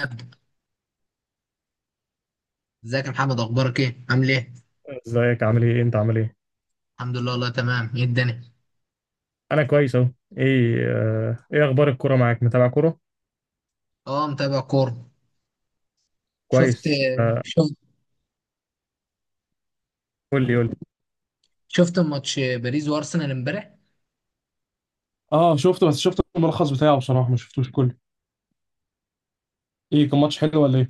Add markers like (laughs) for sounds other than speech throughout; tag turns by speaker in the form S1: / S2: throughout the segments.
S1: ابدا، ازيك يا محمد؟ اخبارك ايه؟ عامل ايه؟
S2: ازيك؟ عامل ايه؟ انت عامل ايه؟
S1: الحمد لله، والله تمام. ايه الدنيا؟
S2: انا كويس اهو. ايه اخبار الكوره معاك؟ متابع كوره؟
S1: اه، متابع كوره. شفت
S2: كويس
S1: شفت
S2: قول لي قول لي.
S1: شفت ماتش باريس وارسنال امبارح؟
S2: اه شفته، بس شفت الملخص بتاعه بصراحه، ما شفتوش كله. ايه، كان ماتش حلو ولا ايه؟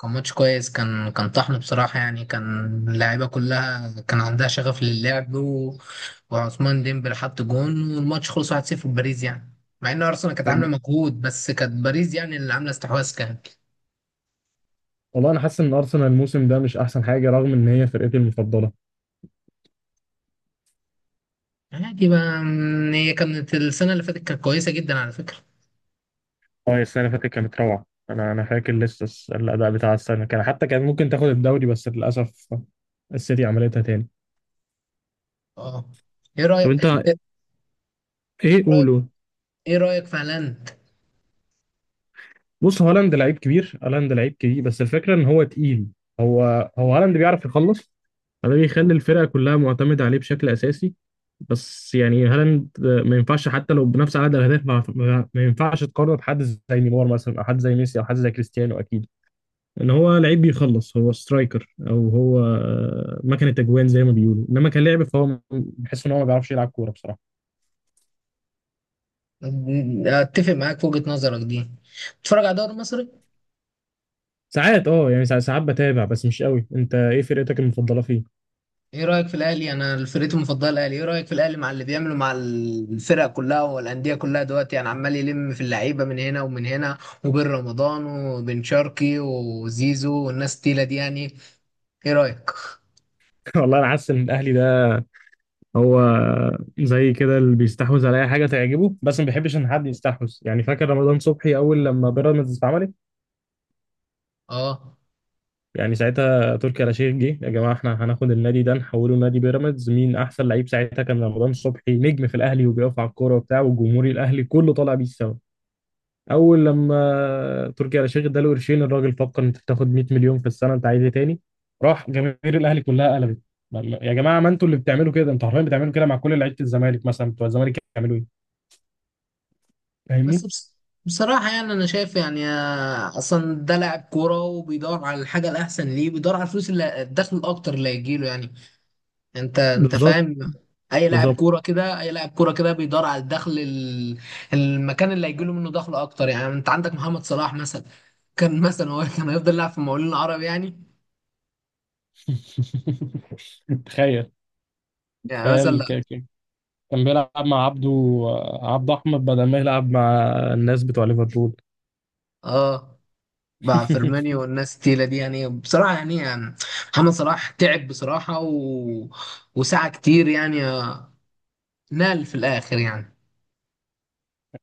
S1: كان ماتش كويس، كان طحن بصراحه يعني كان. اللعيبه كلها كان عندها شغف للعب، وعثمان ديمبلي حط جون والماتش خلص 1-0 باريس يعني. مع ان ارسنال كانت عامله
S2: وج-
S1: مجهود، بس كانت باريس يعني اللي عامله استحواذ كانت.
S2: والله انا حاسس ان ارسنال الموسم ده مش احسن حاجه، رغم ان هي فرقتي المفضله.
S1: عادي بقى. هي كانت السنه اللي فاتت كانت كويسه جدا على فكره.
S2: اه السنه اللي فاتت كانت روعه. انا فاكر لسه الاداء بتاع السنه، كان حتى كان ممكن تاخد الدوري، بس للاسف السيتي عملتها تاني.
S1: اه، ايه
S2: طب
S1: رايك؟
S2: انت ايه؟
S1: (laughs)
S2: قوله.
S1: ايه رأيك في هالاند؟
S2: بص، هالاند لعيب كبير، هالاند لعيب كبير، بس الفكره ان هو تقيل. هو هالاند بيعرف يخلص، فده بيخلي الفرقه كلها معتمده عليه بشكل اساسي. بس يعني هالاند ما ينفعش، حتى لو بنفس عدد الاهداف ما ينفعش تقارنه بحد زي نيمار مثلا، او حد زي ميسي، او حد زي كريستيانو. اكيد ان هو لعيب بيخلص، هو سترايكر، او هو مكنه اجوان زي ما بيقولوا، انما كلاعب فهو بحس ان هو ما بيعرفش يلعب كوره بصراحه.
S1: اتفق معاك في وجهة نظرك دي. بتتفرج على الدوري المصري؟
S2: ساعات اه، يعني ساعات بتابع بس مش قوي. انت ايه فرقتك المفضله فيه؟
S1: ايه رأيك في الاهلي؟ انا فرقتي المفضلة الاهلي. ايه رأيك في الاهلي مع اللي بيعمله مع الفرق كلها والاندية كلها دلوقتي؟ يعني عمال يلم في اللعيبة من هنا ومن هنا، وبين رمضان وبن شرقي وزيزو والناس التقيلة دي يعني. ايه رأيك؟
S2: (laughs) والله انا حاسس ان الاهلي ده، هو زي كده اللي بيستحوذ على اي حاجه تعجبه، بس ما بيحبش ان حد يستحوذ. يعني فاكر رمضان صبحي اول لما بيراميدز اتعملت،
S1: اه.
S2: يعني ساعتها تركي آل الشيخ جه: يا جماعه، احنا هناخد النادي ده، نحوله لنادي بيراميدز، مين احسن لعيب؟ ساعتها كان رمضان صبحي نجم في الاهلي، وبيقف على الكوره وبتاع، والجمهور الاهلي كله طالع بيه السما. اول لما تركي آل الشيخ اداله قرشين، الراجل فكر: انت بتاخد 100 مليون في السنه، انت عايز ايه تاني؟ راح جماهير الاهلي كلها قلبت: يا جماعه، ما انتوا اللي بتعملوا كده، انتوا حرفيا بتعملوا كده مع كل لعيبه. الزمالك مثلا، بتوع الزمالك يعملوا ايه؟
S1: بس
S2: فاهمني؟
S1: بس، بصراحة يعني أنا شايف يعني، أصلا ده لاعب كورة وبيدور على الحاجة الأحسن. ليه بيدور على الفلوس اللي الدخل الأكتر اللي هيجيله يعني. انت
S2: بالظبط.
S1: فاهم؟ اي لاعب
S2: بالظبط.
S1: كوره كده اي لاعب كوره كده بيدور على الدخل، المكان اللي هيجي له منه دخل اكتر يعني. انت عندك محمد صلاح مثلا، كان مثلا هو كان هيفضل يلعب في المقاولين العرب يعني
S2: (laughs) تخيل.
S1: يعني مثلا.
S2: تخيل، كان بيلعب مع عبده احمد، بدل ما يلعب مع الناس بتوع ليفربول.
S1: اه، مع فيرمينيو
S2: (laughs)
S1: والناس التقيله دي يعني، بصراحه يعني، محمد صلاح تعب بصراحه، وسعى كتير يعني، نال في الاخر يعني.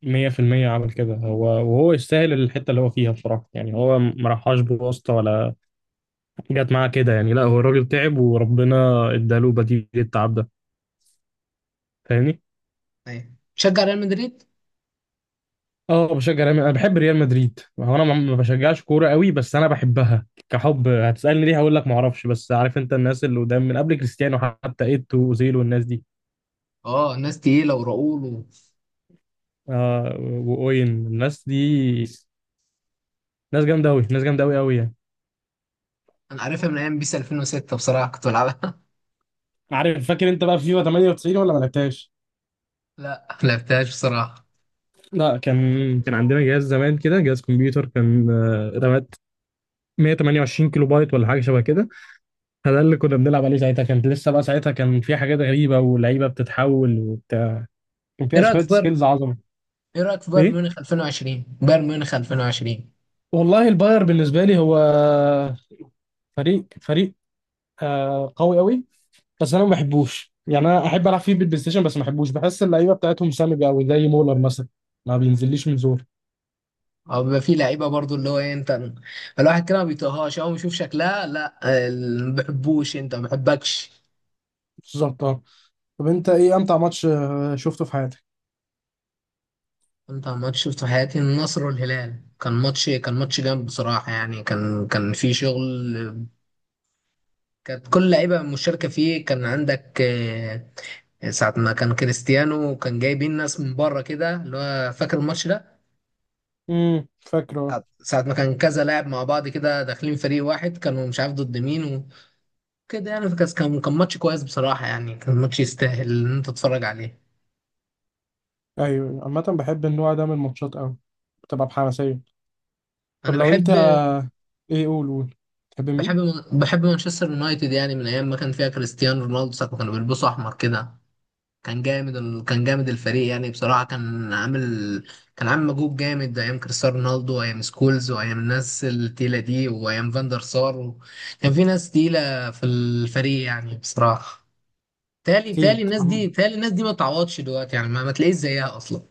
S2: 100% عمل كده، هو وهو يستاهل الحته اللي هو فيها بصراحه. يعني هو ما راحش بواسطه ولا جت معاه كده. يعني لا، هو الراجل تعب، وربنا اداله بديل التعب ده. فاهمني؟
S1: ايوه، شجع ريال مدريد.
S2: اه بشجع انا بحب ريال مدريد. هو انا ما بشجعش كوره قوي، بس انا بحبها كحب. هتسالني ليه؟ هقول لك ما اعرفش، بس عارف انت الناس اللي قدام من قبل كريستيانو حتى، ايتو واوزيل والناس دي.
S1: اه، ناس تقيله وراؤول
S2: آه، واوين، الناس دي ناس جامده قوي، ناس جامده قوي قوي يعني.
S1: انا عارفها من ايام بيس 2006 بصراحه، كنت بلعبها.
S2: عارف، فاكر انت بقى فيفا 98 ولا ما لعبتهاش؟
S1: (laughs) لا، ما لعبتهاش بصراحه.
S2: لا، كان عندنا جهاز زمان كده، جهاز كمبيوتر، كان رامات 128 كيلو بايت ولا حاجه شبه كده. فده اللي كنا بنلعب عليه ساعتها. كانت لسه بقى ساعتها كان في حاجات غريبه ولعيبه بتتحول وبتاع، كان
S1: ايه
S2: فيها
S1: رايك
S2: شويه
S1: في بايرن؟
S2: سكيلز عظمه.
S1: ايه رايك في بايرن
S2: ايه،
S1: ميونخ 2020؟ بايرن ميونخ 2020.
S2: والله الباير بالنسبة لي هو فريق قوي قوي، بس أنا ما بحبوش. يعني أنا أحب ألعب فيه بالبلاي ستيشن، بس ما بحبوش، بحس اللعيبة بتاعتهم سامجة قوي زي مولر مثلا، ما بينزليش من زور.
S1: او بيبقى فيه لعيبه برضو، اللي هو ايه، انت الواحد كده ما بيطيقهاش اول ما يشوف شكلها، لا. ما بحبوش، انت ما بحبكش.
S2: بالظبط، أه. طب أنت إيه أمتع ماتش شفته في حياتك؟
S1: انت ماتش شفته في حياتي، النصر والهلال. كان ماتش جامد بصراحه يعني، كان في شغل. كانت كل لعيبه مشاركه فيه. كان عندك ساعه ما كان كريستيانو، كان جايبين ناس من بره كده، اللي هو فاكر الماتش ده.
S2: فاكره.
S1: ساعة ما كان كذا لاعب مع بعض كده داخلين فريق واحد، كانوا مش عارف ضد مين كده يعني. فكاس كان ماتش كويس بصراحة يعني، كان ماتش يستاهل إن أنت تتفرج عليه.
S2: أيوه، عامة بحب النوع ده من الماتشات قوي، بتبقى بحماسية. طب
S1: أنا
S2: لو أنت، إيه، قول قول، تحب مين؟
S1: بحب بحب مانشستر يونايتد يعني، من أيام ما كان فيها كريستيانو رونالدو ساعة ما كانوا بيلبسوا أحمر كده. كان جامد الفريق يعني، بصراحة كان عامل مجهود جامد أيام كريستيانو رونالدو وأيام سكولز وأيام الناس التقيلة دي وأيام فاندر سار، كان في ناس تقيلة في الفريق يعني بصراحة.
S2: أكيد.
S1: تالي الناس دي ما تعوضش دلوقتي يعني، ما تلاقيش زيها أصلا.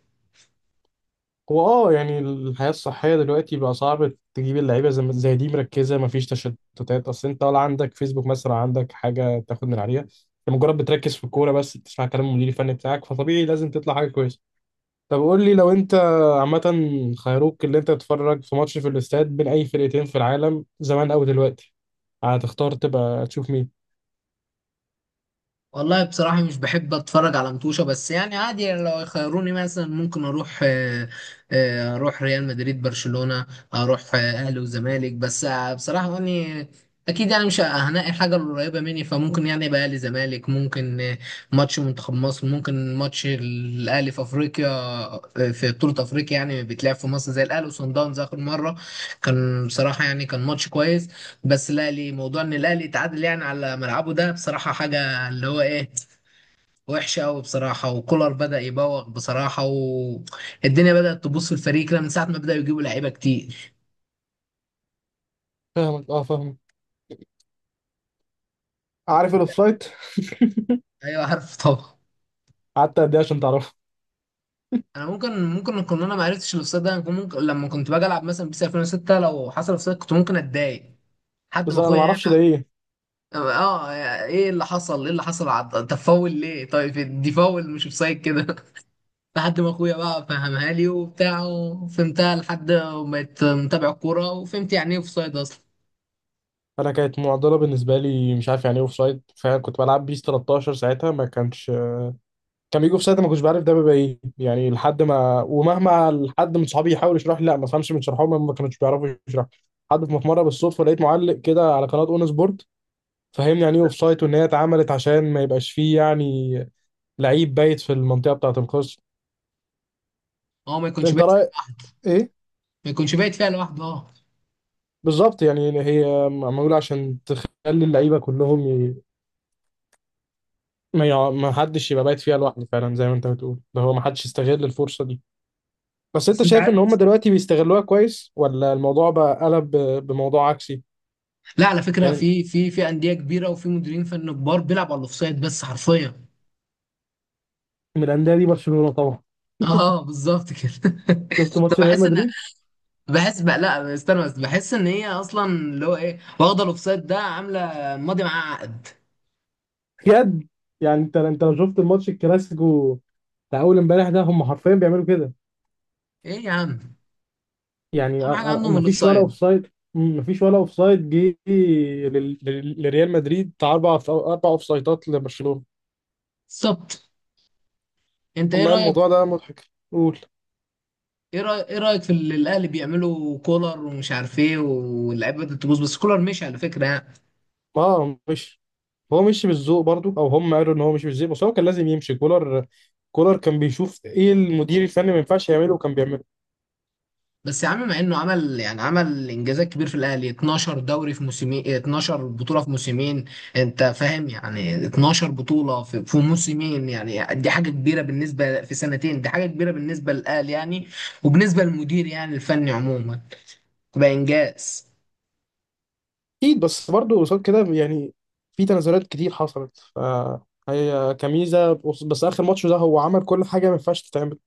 S2: هو اه يعني الحياة الصحية دلوقتي بقى صعب تجيب اللعيبة زي ما- زي دي مركزة، مفيش تشتتات. أصل أنت ولا عندك فيسبوك مثلا، ولا عندك حاجة تاخد من عليها، أنت مجرد بتركز في الكورة بس، تسمع كلام المدير الفني بتاعك، فطبيعي لازم تطلع حاجة كويسة. طب قول لي، لو أنت، عامة، خيروك اللي أنت تتفرج في ماتش في الاستاد بين أي فرقتين في العالم، زمان أو دلوقتي، هتختار تبقى تشوف مين؟
S1: والله بصراحة مش بحب أتفرج على متوشة، بس يعني عادي يعني. لو يخيروني مثلا، ممكن أروح آه، آه، أروح ريال مدريد برشلونة، أروح أهلي وزمالك. بس بصراحة يعني، أكيد يعني مش هنقي حاجة قريبة مني، فممكن يعني يبقى أهلي زمالك. ممكن ماتش منتخب مصر، ممكن ماتش الأهلي في أفريقيا، في بطولة أفريقيا يعني، بيتلعب في مصر زي الأهلي وصن داونز آخر مرة. كان بصراحة يعني كان ماتش كويس. بس الأهلي، موضوع إن الأهلي يتعادل يعني على ملعبه ده بصراحة حاجة، اللي هو ايه، وحشه قوي بصراحه. وكولر بدأ يبوغ بصراحه، والدنيا بدأت تبوظ في الفريق كده من ساعه ما بدأوا يجيبوا لعيبه كتير.
S2: فاهمك، اه فاهمك. عارف الأوفسايد؟
S1: ايوه، عارف طبعا.
S2: قعدت قد إيه عشان تعرفه؟
S1: انا ممكن كنت، انا ما عرفتش الاوفسايد ده. أنا كنت ممكن لما كنت باجي العب مثلا بيس 2006، لو حصل اوفسايد كنت ممكن اتضايق حد
S2: بس
S1: ما
S2: أنا
S1: اخويا يعني.
S2: معرفش ده إيه.
S1: اه، ايه اللي حصل، انت فاول ليه؟ طيب دي فاول مش اوفسايد كده. (laughs) لحد ما اخويا بقى فهمها لي وبتاع وفهمتها، لحد ما بقيت متابع الكوره وفهمت يعني ايه اوفسايد اصلا.
S2: انا كانت معضله بالنسبه لي، مش عارف يعني ايه اوف سايد. فعلا كنت بلعب بيس 13 ساعتها، ما كانش، كان بيجي اوف سايد ما كنتش بعرف ده بيبقى ايه يعني. لحد ما، ومهما حد من صحابي يحاول يشرح لي، لا ما فهمش من شرحهم، هم ما كانوش بيعرفوا يشرحوا. حد في مره بالصدفه لقيت معلق كده على قناه اون سبورت فهمني يعني ايه اوف سايد، وان هي اتعملت عشان ما يبقاش فيه يعني لعيب بايت في المنطقه بتاعه القوس.
S1: هو ما يكونش
S2: انت
S1: بيحصل،
S2: رايك ايه؟
S1: ما يكونش بايت فيها لوحده، اه.
S2: بالظبط، يعني هي معموله عشان تخلي اللعيبه كلهم ما حدش يبقى بايت فيها لوحده، فعلا زي ما انت بتقول. ده هو، ما حدش يستغل الفرصة دي. بس انت
S1: بس انت
S2: شايف
S1: عارف،
S2: ان هم دلوقتي بيستغلوها كويس، ولا الموضوع بقى قلب بموضوع عكسي؟
S1: لا على فكره،
S2: يعني
S1: في انديه كبيره وفي مديرين فن كبار بيلعبوا على الاوفسايد بس حرفيا.
S2: من الانديه دي برشلونة طبعا.
S1: اه، بالظبط كده. (laughs)
S2: شفت
S1: طب
S2: ماتش ريال
S1: بحس ان،
S2: مدريد؟
S1: بحس بقى، لا استنى، بس بحس ان هي اصلا اللي هو ايه واخده الاوفسايد ده، عامله ماضي معاه عقد.
S2: بجد. يعني انت لو شفت الماتش الكلاسيكو بتاع اول امبارح ده، هم حرفيا بيعملوا كده.
S1: ايه يا عم،
S2: يعني
S1: اهم حاجه عندهم
S2: ما فيش ولا
S1: الاوفسايد.
S2: اوفسايد، ما فيش ولا اوفسايد جه لريال مدريد، بتاع اربع اوفسايدات لبرشلونة.
S1: بالظبط. انت ايه
S2: والله
S1: رايك؟
S2: الموضوع ده مضحك، قول.
S1: ايه رايك في اللي الاهلي بيعملوا، كولر ومش عارف ايه، واللعيبه بدات تبوظ. بس كولر مشي على فكره يعني.
S2: اه، مش هو مشي بالذوق برضو، او هم قالوا ان هو مشي بالذوق، بس هو كان لازم يمشي كولر. كولر كان بيشوف ايه المدير الفني ما ينفعش يعمله، وكان بيعمله.
S1: بس يا عم، مع انه عمل انجازات كبير في الاهلي، 12 دوري في موسمين، 12 بطوله في موسمين. انت فاهم يعني؟ 12 بطوله في موسمين يعني، دي حاجه كبيره بالنسبه، في سنتين دي حاجه كبيره بالنسبه للاهلي يعني، وبالنسبه للمدير يعني الفني عموما، تبقى انجاز.
S2: اكيد، بس برضو قصاد كده يعني في تنازلات كتير حصلت. هي كميزه، بس اخر ماتش ده هو عمل كل حاجه ما ينفعش تتعمل.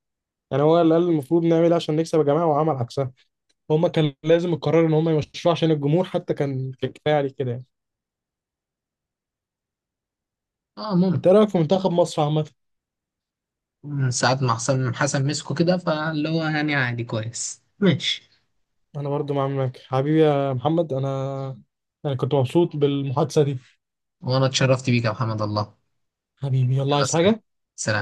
S2: يعني هو اللي قال المفروض نعمل إيه عشان نكسب يا جماعه، وعمل عكسها. هم كان لازم القرار ان هم يمشوه، عشان الجمهور حتى كان كفايه عليه كده يعني.
S1: اه
S2: انت
S1: ممكن.
S2: إيه رايك في منتخب مصر عامه؟
S1: من ساعات ما حسن حسن مسكه كده، فاللي هو يعني عادي، كويس ماشي.
S2: انا برضو معاك حبيبي يا محمد. انا كنت مبسوط بالمحادثه دي.
S1: وانا اتشرفت بيك يا محمد، الله.
S2: حبيبي، يلا،
S1: يلا،
S2: عايز
S1: سلام.
S2: حاجة؟
S1: سلام.